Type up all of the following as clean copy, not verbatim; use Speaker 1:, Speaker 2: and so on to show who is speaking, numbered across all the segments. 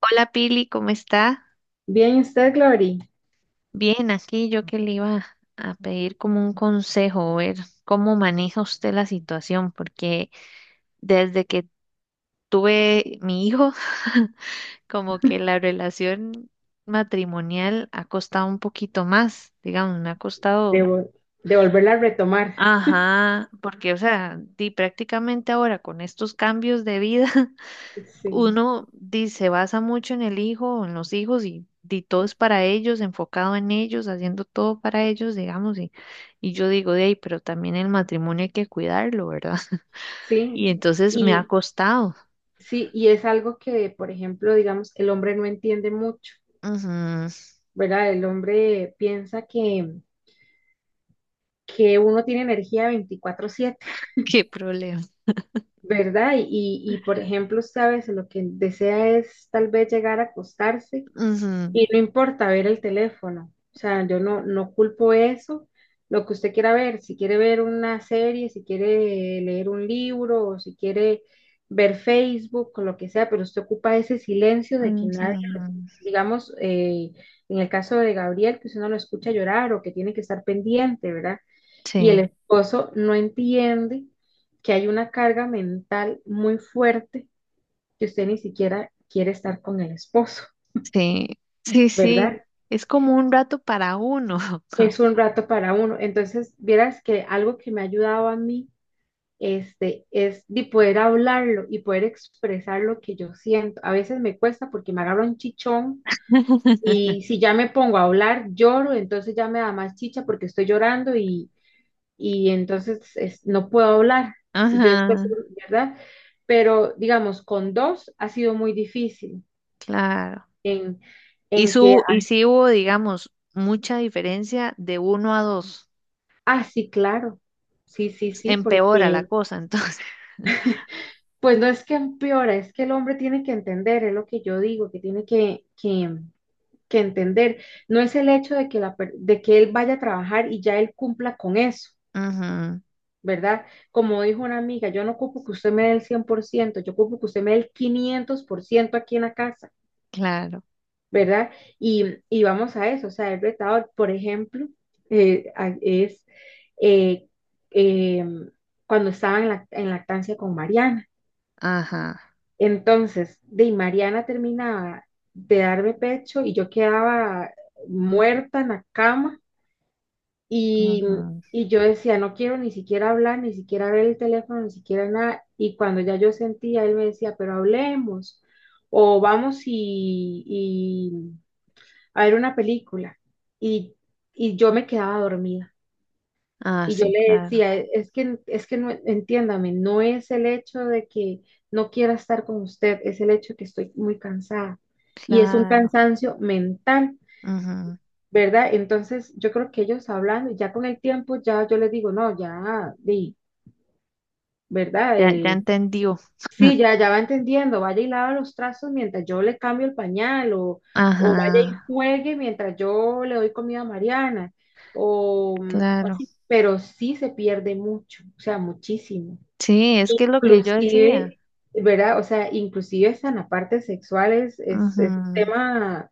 Speaker 1: Hola Pili, ¿cómo está?
Speaker 2: Bien, ¿y usted, Glory,
Speaker 1: Bien, aquí yo que le iba a pedir como un consejo, ver cómo maneja usted la situación, porque desde que tuve mi hijo, como que la relación matrimonial ha costado un poquito más, digamos, me ha costado,
Speaker 2: devolverla a retomar?
Speaker 1: ajá, porque o sea, di prácticamente ahora con estos cambios de vida
Speaker 2: Sí,
Speaker 1: uno se basa mucho en el hijo, o en los hijos y, di todo es para ellos, enfocado en ellos, haciendo todo para ellos, digamos, y yo digo, de ahí, pero también el matrimonio hay que cuidarlo, ¿verdad?
Speaker 2: sí.
Speaker 1: Y entonces me ha
Speaker 2: Y
Speaker 1: costado.
Speaker 2: sí, y es algo que, por ejemplo, digamos, el hombre no entiende mucho,
Speaker 1: Ujú,
Speaker 2: ¿verdad? El hombre piensa que uno tiene energía 24/7,
Speaker 1: qué problema.
Speaker 2: ¿verdad? Y, por ejemplo, usted a veces lo que desea es tal vez llegar a acostarse.
Speaker 1: Ujú,
Speaker 2: Y no importa ver el teléfono, o sea, yo no culpo eso, lo que usted quiera ver, si quiere ver una serie, si quiere leer un libro o si quiere ver Facebook o lo que sea, pero usted ocupa ese silencio de que
Speaker 1: ujú.
Speaker 2: nadie, digamos, en el caso de Gabriel, que usted no lo escucha llorar o que tiene que estar pendiente, ¿verdad? Y el
Speaker 1: Sí,
Speaker 2: esposo no entiende que hay una carga mental muy fuerte, que usted ni siquiera quiere estar con el esposo,
Speaker 1: sí, sí, sí.
Speaker 2: ¿verdad?
Speaker 1: Es como un rato para uno.
Speaker 2: Es un rato para uno. Entonces, vieras que algo que me ha ayudado a mí es de poder hablarlo y poder expresar lo que yo siento. A veces me cuesta porque me agarro un chichón, y si ya me pongo a hablar, lloro, entonces ya me da más chicha porque estoy llorando y entonces no puedo hablar. Y yo después,
Speaker 1: Ajá,
Speaker 2: ¿verdad? Pero digamos, con dos ha sido muy difícil
Speaker 1: claro.
Speaker 2: en,
Speaker 1: Y
Speaker 2: en que,
Speaker 1: su, y sí hubo, digamos, mucha diferencia de uno a dos.
Speaker 2: ah, sí, claro, sí, sí, sí,
Speaker 1: Empeora la
Speaker 2: porque...
Speaker 1: cosa, entonces.
Speaker 2: Pues no es que empeora, es que el hombre tiene que entender, es lo que yo digo, que tiene que entender. No es el hecho de que, la, de que él vaya a trabajar y ya él cumpla con eso,
Speaker 1: Ujú,
Speaker 2: ¿verdad? Como dijo una amiga, yo no ocupo que usted me dé el 100%, yo ocupo que usted me dé el 500% aquí en la casa,
Speaker 1: claro,
Speaker 2: ¿verdad? Y vamos a eso, o sea, el retador, por ejemplo, es eh, eh, cuando estaba en, la, en lactancia con Mariana.
Speaker 1: ajá,
Speaker 2: Entonces, de Mariana terminaba de darme pecho y yo quedaba muerta en la cama y,
Speaker 1: ujú.
Speaker 2: y yo decía, no quiero ni siquiera hablar, ni siquiera ver el teléfono, ni siquiera nada. Y cuando ya yo sentía, él me decía, pero hablemos o vamos y a ver una película. Y, y yo me quedaba dormida.
Speaker 1: Ah,
Speaker 2: Y yo
Speaker 1: sí,
Speaker 2: le
Speaker 1: claro,
Speaker 2: decía, "E, es que no, entiéndame, no es el hecho de que no quiera estar con usted, es el hecho de que estoy muy cansada". Y es un
Speaker 1: claro,
Speaker 2: cansancio mental,
Speaker 1: ujú.
Speaker 2: ¿verdad? Entonces, yo creo que ellos hablando, ya con el tiempo, ya yo les digo, no, ya, di, ¿verdad?
Speaker 1: Ya, ya entendió.
Speaker 2: Sí, ya, ya va entendiendo. Vaya y lava los trazos mientras yo le cambio el pañal, o vaya y
Speaker 1: Ajá,
Speaker 2: juegue mientras yo le doy comida a Mariana, o, o
Speaker 1: claro.
Speaker 2: así. Pero sí se pierde mucho, o sea, muchísimo.
Speaker 1: Sí, es que es lo que yo decía.
Speaker 2: Inclusive, ¿verdad? O sea, inclusive esa en la parte sexual es un
Speaker 1: Ujú,
Speaker 2: tema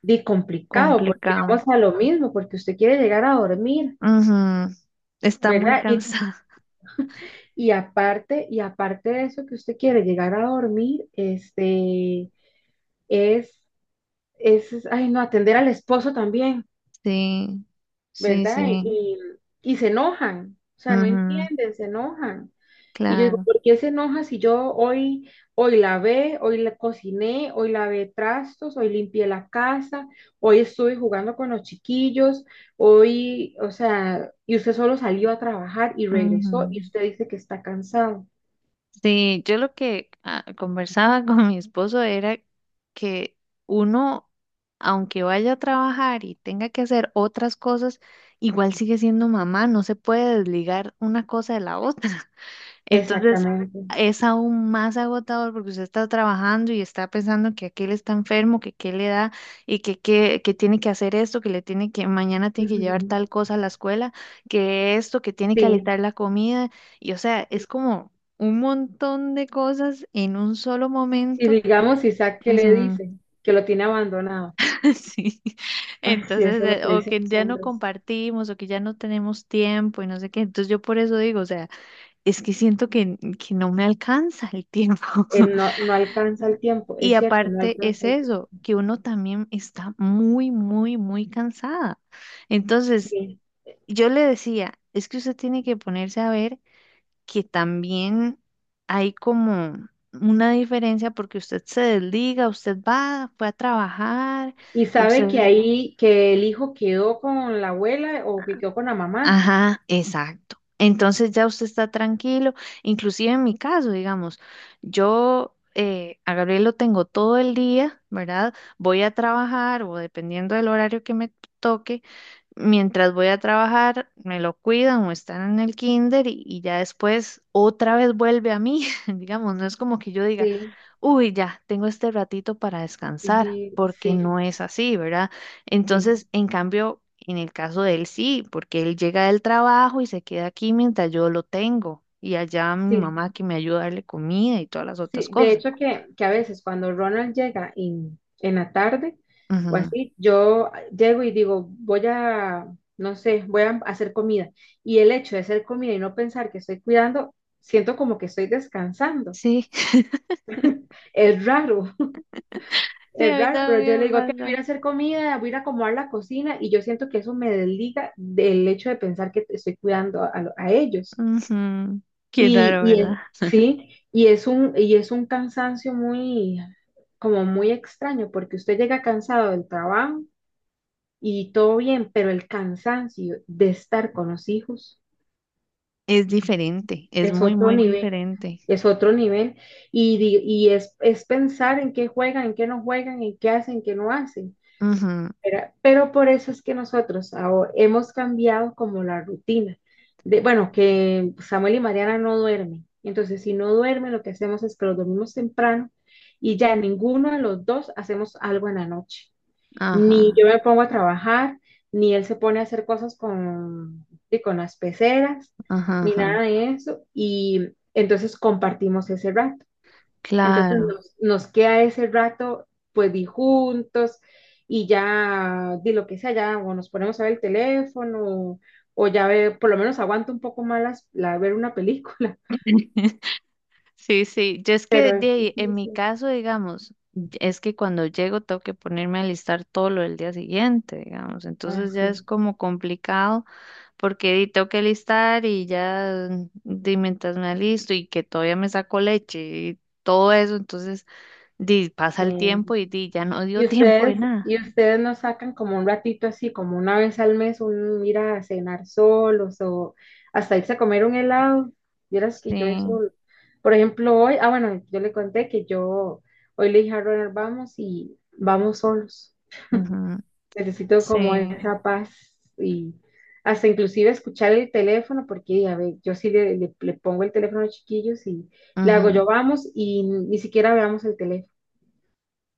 Speaker 2: de complicado, porque
Speaker 1: complicado.
Speaker 2: vamos a lo mismo, porque usted quiere llegar a dormir,
Speaker 1: Ujú, está muy
Speaker 2: ¿verdad?
Speaker 1: cansada.
Speaker 2: Y aparte de eso que usted quiere llegar a dormir, es, es, ay, no, atender al esposo también,
Speaker 1: Sí, sí,
Speaker 2: ¿verdad?
Speaker 1: sí.
Speaker 2: Y se enojan, o sea, no
Speaker 1: Ujú,
Speaker 2: entienden, se enojan. Y yo digo,
Speaker 1: claro.
Speaker 2: ¿por qué se enoja si yo hoy, lavé, hoy la cociné, hoy lavé trastos, hoy limpié la casa, hoy estuve jugando con los chiquillos, hoy, o sea, y usted solo salió a trabajar y regresó y
Speaker 1: Ujú.
Speaker 2: usted dice que está cansado.
Speaker 1: Sí, yo lo que conversaba con mi esposo era que uno, aunque vaya a trabajar y tenga que hacer otras cosas, igual sigue siendo mamá, no se puede desligar una cosa de la otra. Entonces
Speaker 2: Exactamente.
Speaker 1: es aún más agotador porque usted está trabajando y está pensando que aquel está enfermo, que qué le da que tiene que hacer esto, que le tiene que, mañana tiene que llevar
Speaker 2: Ujú.
Speaker 1: tal cosa a la escuela, que esto, que tiene que
Speaker 2: Sí.
Speaker 1: alistar la comida. Y o sea, es como un montón de cosas en un solo
Speaker 2: Y
Speaker 1: momento.
Speaker 2: digamos, Isaac, ¿qué le
Speaker 1: Ujú.
Speaker 2: dice? Que lo tiene abandonado.
Speaker 1: Sí.
Speaker 2: Ay, sí,
Speaker 1: Entonces,
Speaker 2: eso es lo que
Speaker 1: o
Speaker 2: dicen
Speaker 1: que
Speaker 2: los
Speaker 1: ya no
Speaker 2: hombres.
Speaker 1: compartimos, o que ya no tenemos tiempo y no sé qué. Entonces yo por eso digo, o sea. Es que siento que no me alcanza el tiempo.
Speaker 2: Él no, no alcanza el tiempo,
Speaker 1: Y
Speaker 2: es cierto, no
Speaker 1: aparte es
Speaker 2: alcanza el tiempo.
Speaker 1: eso, que uno también está muy, muy, muy cansada. Entonces,
Speaker 2: Sí.
Speaker 1: yo le decía, es que usted tiene que ponerse a ver que también hay como una diferencia porque usted se desliga, usted va, fue a trabajar,
Speaker 2: Y sabe que
Speaker 1: usted
Speaker 2: ahí, que el hijo quedó con la abuela o que quedó con la mamá.
Speaker 1: ajá, exacto. Entonces ya usted está tranquilo, inclusive en mi caso, digamos, yo a Gabriel lo tengo todo el día, ¿verdad? Voy a trabajar o dependiendo del horario que me toque. Mientras voy a trabajar, me lo cuidan o están en el kinder y ya después otra vez vuelve a mí, digamos, no es como que yo diga,
Speaker 2: Sí,
Speaker 1: uy, ya, tengo este ratito para descansar,
Speaker 2: sí,
Speaker 1: porque
Speaker 2: sí,
Speaker 1: no es así, ¿verdad?
Speaker 2: sí,
Speaker 1: Entonces, en cambio, en el caso de él sí, porque él llega del trabajo y se queda aquí mientras yo lo tengo y allá mi
Speaker 2: sí.
Speaker 1: mamá que me ayuda a darle comida y todas las otras
Speaker 2: Sí. De
Speaker 1: cosas.
Speaker 2: hecho, que a veces cuando Ronald llega en la tarde o
Speaker 1: Ujú.
Speaker 2: así, yo llego y digo, voy a, no sé, voy a hacer comida. Y el hecho de hacer comida y no pensar que estoy cuidando, siento como que estoy descansando.
Speaker 1: Sí,
Speaker 2: Es raro.
Speaker 1: sí,
Speaker 2: Es
Speaker 1: a mí
Speaker 2: raro, pero yo
Speaker 1: también
Speaker 2: le
Speaker 1: me
Speaker 2: digo que voy a
Speaker 1: pasa.
Speaker 2: ir a hacer comida, voy a ir a acomodar la cocina y yo siento que eso me desliga del hecho de pensar que estoy cuidando a, a ellos.
Speaker 1: Ujú. Qué
Speaker 2: Y,
Speaker 1: raro,
Speaker 2: y es-
Speaker 1: ¿verdad?
Speaker 2: sí, y es un cansancio muy, como muy extraño, porque usted llega cansado del trabajo y todo bien, pero el cansancio de estar con los hijos
Speaker 1: Es diferente, es
Speaker 2: es
Speaker 1: muy,
Speaker 2: otro
Speaker 1: muy
Speaker 2: nivel,
Speaker 1: diferente.
Speaker 2: es otro nivel. Y, es pensar en qué juegan, en qué no juegan, en qué hacen, en qué no hacen.
Speaker 1: Ujú,
Speaker 2: Pero por eso es que nosotros hemos cambiado como la rutina. De, bueno, que Samuel y Mariana no duermen. Entonces, si no duermen, lo que hacemos es que los dormimos temprano y ya ninguno de los dos hacemos algo en la noche. Ni
Speaker 1: ajá,
Speaker 2: yo me pongo a trabajar, ni él se pone a hacer cosas con, y con las peceras,
Speaker 1: ajá,
Speaker 2: ni nada
Speaker 1: ajá,
Speaker 2: de eso. Y entonces compartimos ese rato. Entonces
Speaker 1: claro.
Speaker 2: nos, nos queda ese rato, pues, di juntos, y ya di lo que sea, ya o nos ponemos a ver el teléfono o ya ve, por lo menos aguanto un poco más la, ver una película,
Speaker 1: Sí, sí, yo es que
Speaker 2: pero es
Speaker 1: de ahí, en mi
Speaker 2: difícil.
Speaker 1: caso, digamos, es que cuando llego tengo que ponerme a listar todo lo del día siguiente, digamos,
Speaker 2: Ah,
Speaker 1: entonces ya es
Speaker 2: sí,
Speaker 1: como complicado porque di, tengo que listar y ya di, mientras me alisto y que todavía me saco leche y todo eso, entonces di, pasa el tiempo
Speaker 2: sí.
Speaker 1: y di, ya no dio tiempo de nada.
Speaker 2: Y ustedes no sacan como un ratito así, como una vez al mes, un ir a cenar solos o hasta irse a comer un helado. Vieras que yo
Speaker 1: Sí,
Speaker 2: eso, por ejemplo, hoy, ah, bueno, yo le conté que yo hoy le dije a Ronald, vamos y vamos solos.
Speaker 1: ujú,
Speaker 2: Necesito como
Speaker 1: sí.
Speaker 2: esa paz y hasta inclusive escuchar el teléfono, porque a ver, yo sí le pongo el teléfono a los chiquillos y le hago
Speaker 1: Ujú,
Speaker 2: yo vamos y ni siquiera veamos el teléfono.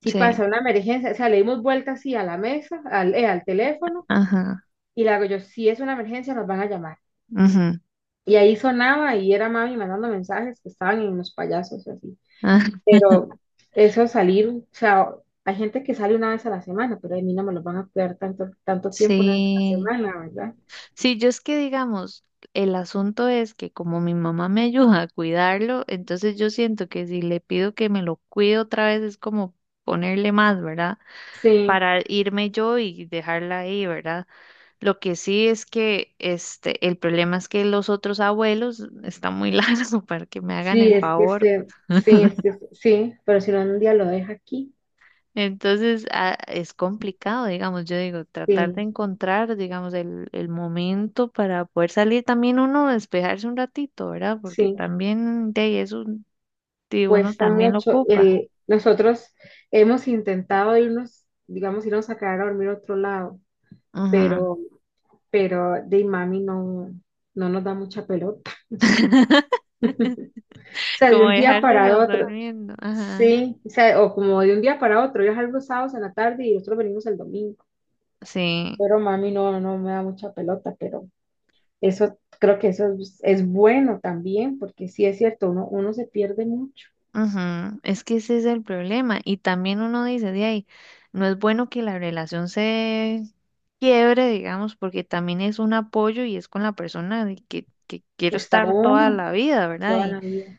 Speaker 2: Si
Speaker 1: sí,
Speaker 2: pasa una emergencia, o sea, le dimos vuelta así a la mesa, al teléfono,
Speaker 1: ajá,
Speaker 2: y le hago yo, si es una emergencia, nos van a llamar.
Speaker 1: ujú,
Speaker 2: Y ahí sonaba y era mami mandando mensajes que estaban en los payasos y así.
Speaker 1: ah,
Speaker 2: Pero eso salir, o sea, hay gente que sale una vez a la semana, pero a mí no me lo van a cuidar tanto, tanto tiempo una vez a la
Speaker 1: sí.
Speaker 2: semana, ¿verdad?
Speaker 1: Sí, yo es que digamos, el asunto es que como mi mamá me ayuda a cuidarlo, entonces yo siento que si le pido que me lo cuide otra vez es como ponerle más, ¿verdad?
Speaker 2: Sí,
Speaker 1: Para irme yo y dejarla ahí, ¿verdad? Lo que sí es que este, el problema es que los otros abuelos están muy largos para que me hagan
Speaker 2: sí,
Speaker 1: el
Speaker 2: es que
Speaker 1: favor.
Speaker 2: sí, es sí, pero si no un día lo deja aquí,
Speaker 1: Entonces, es complicado, digamos, yo digo, tratar de
Speaker 2: sí,
Speaker 1: encontrar, digamos, el momento para poder salir también uno, a despejarse un ratito, ¿verdad? Porque
Speaker 2: sí.
Speaker 1: también de ahí eso de uno
Speaker 2: Cuesta
Speaker 1: también lo
Speaker 2: mucho.
Speaker 1: ocupa.
Speaker 2: El, nosotros hemos intentado irnos, digamos, irnos a quedar a dormir a otro lado,
Speaker 1: Ajá.
Speaker 2: pero, pero de mami no, no nos da mucha pelota. O sea, de
Speaker 1: Como
Speaker 2: un día para
Speaker 1: dejárselos
Speaker 2: otro,
Speaker 1: durmiendo. Ajá.
Speaker 2: sí, o sea, o como de un día para otro, yo salgo los sábados en la tarde y nosotros venimos el domingo,
Speaker 1: Sí.
Speaker 2: pero mami no, no me da mucha pelota, pero eso, creo que eso es bueno también, porque sí es cierto, uno, uno se pierde mucho,
Speaker 1: Ujú, es que ese es el problema. Y también uno dice, de ahí, no es bueno que la relación se quiebre, digamos, porque también es un apoyo y es con la persona de que quiero
Speaker 2: está
Speaker 1: estar toda
Speaker 2: uno
Speaker 1: la vida, ¿verdad?
Speaker 2: toda la vida,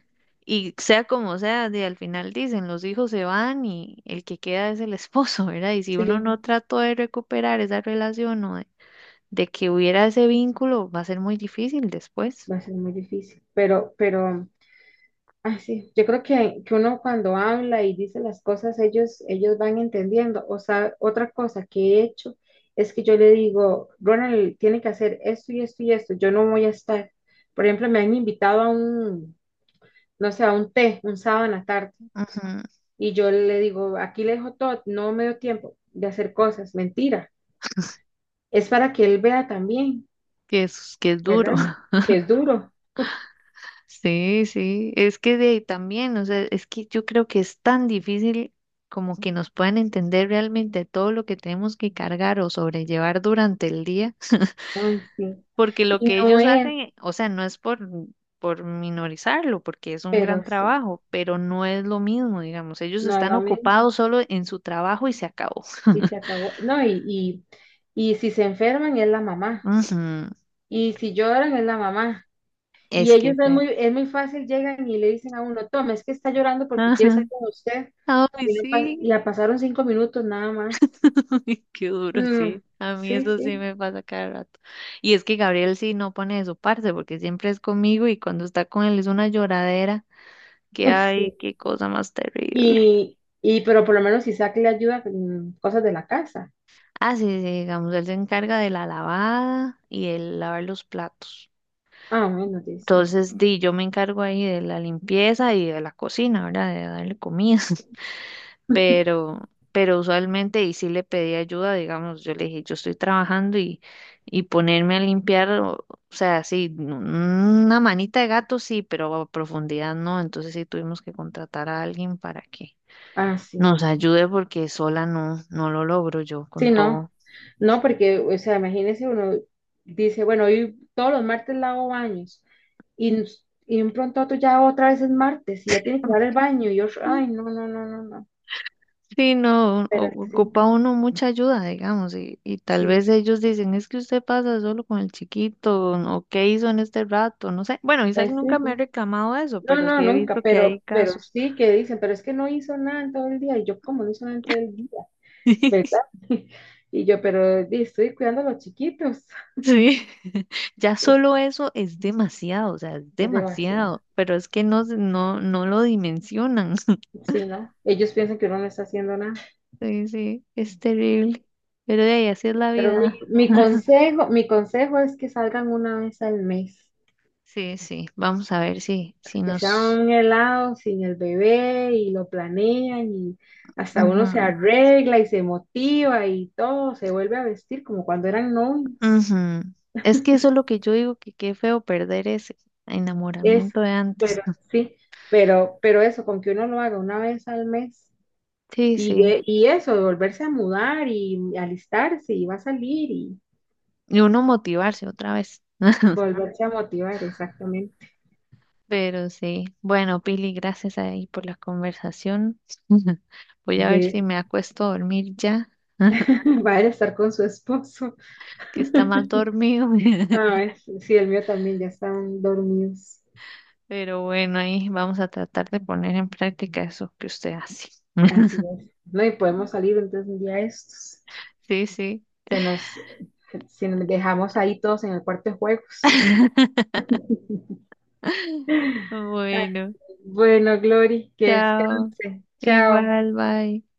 Speaker 1: Y sea como sea, de al final dicen, los hijos se van y el que queda es el esposo, ¿verdad? Y si uno
Speaker 2: sí.
Speaker 1: no trató de recuperar esa relación o de que hubiera ese vínculo, va a ser muy difícil después.
Speaker 2: Va a ser muy difícil, pero, ah, sí, yo creo que uno cuando habla y dice las cosas, ellos van entendiendo. O sea, otra cosa que he hecho es que yo le digo, Ronald, tiene que hacer esto y esto y esto, yo no voy a estar. Por ejemplo, me han invitado a un, no sé, a un té, un sábado en la tarde,
Speaker 1: Ujú,
Speaker 2: y yo le digo, aquí le dejo todo, no me dio tiempo de hacer cosas, mentira. Es para que él vea también,
Speaker 1: que es, que es duro.
Speaker 2: ¿verdad? Que es duro.
Speaker 1: Sí, sí, es que de ahí también, o sea, es que yo creo que es tan difícil como que nos puedan entender realmente todo lo que tenemos que cargar o sobrellevar durante el día,
Speaker 2: Ay, sí.
Speaker 1: porque lo
Speaker 2: Y
Speaker 1: que
Speaker 2: no
Speaker 1: ellos
Speaker 2: es,
Speaker 1: hacen, o sea, no es por minorizarlo, porque es un gran
Speaker 2: pero sí.
Speaker 1: trabajo, pero no es lo mismo, digamos, ellos
Speaker 2: No es
Speaker 1: están
Speaker 2: lo mismo.
Speaker 1: ocupados solo en su trabajo y se acabó.
Speaker 2: Y se acabó. No, y si se enferman es la mamá.
Speaker 1: Ujú,
Speaker 2: Y si lloran es la mamá. Y
Speaker 1: es que
Speaker 2: ellos
Speaker 1: ser.
Speaker 2: es muy fácil, llegan y le dicen a uno, toma, es que está llorando porque quiere
Speaker 1: Ajá.
Speaker 2: estar con usted.
Speaker 1: Ay,
Speaker 2: Y no y
Speaker 1: sí.
Speaker 2: la pasaron 5 minutos nada más.
Speaker 1: Qué duro,
Speaker 2: Mm,
Speaker 1: sí. A mí
Speaker 2: sí,
Speaker 1: eso sí
Speaker 2: sí,
Speaker 1: me pasa cada rato. Y es que Gabriel sí no pone de su parte porque siempre es conmigo y cuando está con él es una lloradera. Que ay,
Speaker 2: sí.
Speaker 1: qué cosa más terrible.
Speaker 2: Y pero por lo menos Isaac le ayuda con cosas de la casa.
Speaker 1: Ah, sí, sí, digamos, él se encarga de la lavada y el lavar los platos.
Speaker 2: Ah, bueno, dice.
Speaker 1: Entonces, di, yo me encargo ahí de la limpieza y de la cocina, ¿verdad? De darle comida. pero, pero usualmente sí le pedí ayuda, digamos, yo le dije, yo estoy trabajando y ponerme a limpiar, o sea, sí, una manita de gato sí, pero a profundidad no, entonces sí tuvimos que contratar a alguien para que
Speaker 2: Ah, sí.
Speaker 1: nos ayude porque sola no, no lo logro yo con
Speaker 2: Sí, no.
Speaker 1: todo.
Speaker 2: No, porque, o sea, imagínese uno dice, bueno, hoy todos los martes lavo baños y, y de un pronto a otro ya otra vez es martes y ya tiene que lavar el baño y yo, ay, no, no, no, no, no,
Speaker 1: Sí, no,
Speaker 2: pero sí,
Speaker 1: ocupa uno mucha ayuda, digamos, y tal
Speaker 2: sí,
Speaker 1: vez ellos dicen, es que usted pasa solo con el chiquito, ¿no? O qué hizo en este rato, no sé. Bueno, Isaac
Speaker 2: pues sí,
Speaker 1: nunca me ha
Speaker 2: sí.
Speaker 1: reclamado eso,
Speaker 2: No,
Speaker 1: pero sí
Speaker 2: no,
Speaker 1: he
Speaker 2: nunca,
Speaker 1: visto que hay
Speaker 2: pero
Speaker 1: casos.
Speaker 2: sí que dicen, pero es que no hizo nada en todo el día y yo, como no hizo nada en todo el día? ¿Verdad? Y yo, pero di, estoy cuidando a los chiquitos.
Speaker 1: Sí, ya solo eso es demasiado, o sea, es
Speaker 2: Es demasiado.
Speaker 1: demasiado, pero es que no, no, no lo dimensionan.
Speaker 2: Sí, ¿no? Ellos piensan que uno no está haciendo nada.
Speaker 1: Sí, sí, es terrible, pero de ahí así es la
Speaker 2: Pero mi,
Speaker 1: vida.
Speaker 2: mi consejo, mi consejo es que salgan una vez al mes,
Speaker 1: Sí, sí, vamos a ver si, si
Speaker 2: que sea
Speaker 1: nos...
Speaker 2: un helado sin el bebé y lo planean y hasta uno se arregla y se motiva y todo, se vuelve a vestir como cuando eran novios.
Speaker 1: Ujú. Es que eso es lo que yo digo, que qué feo perder ese
Speaker 2: Es,
Speaker 1: enamoramiento de antes.
Speaker 2: pero
Speaker 1: ¿No?
Speaker 2: sí, pero eso, con que uno lo haga una vez al mes
Speaker 1: Sí,
Speaker 2: y,
Speaker 1: sí.
Speaker 2: y eso, de volverse a mudar y alistarse y va a salir y
Speaker 1: Y uno motivarse otra vez.
Speaker 2: volverse a motivar, exactamente,
Speaker 1: Pero sí. Bueno, Pili, gracias ahí por la conversación. Voy a ver si
Speaker 2: de
Speaker 1: me acuesto a dormir ya,
Speaker 2: va a estar con su esposo.
Speaker 1: que está mal dormido.
Speaker 2: Ah, sí, el mío también, ya están dormidos.
Speaker 1: Pero bueno, ahí vamos a tratar de poner en práctica eso que usted hace.
Speaker 2: Así es. No, y podemos salir entonces un día de estos.
Speaker 1: Sí, sí.
Speaker 2: Se nos, si nos dejamos ahí todos en el cuarto de juegos. Ay,
Speaker 1: Bueno,
Speaker 2: bueno, Glory, que
Speaker 1: chao.
Speaker 2: descanse. Chao.
Speaker 1: Igual, bye.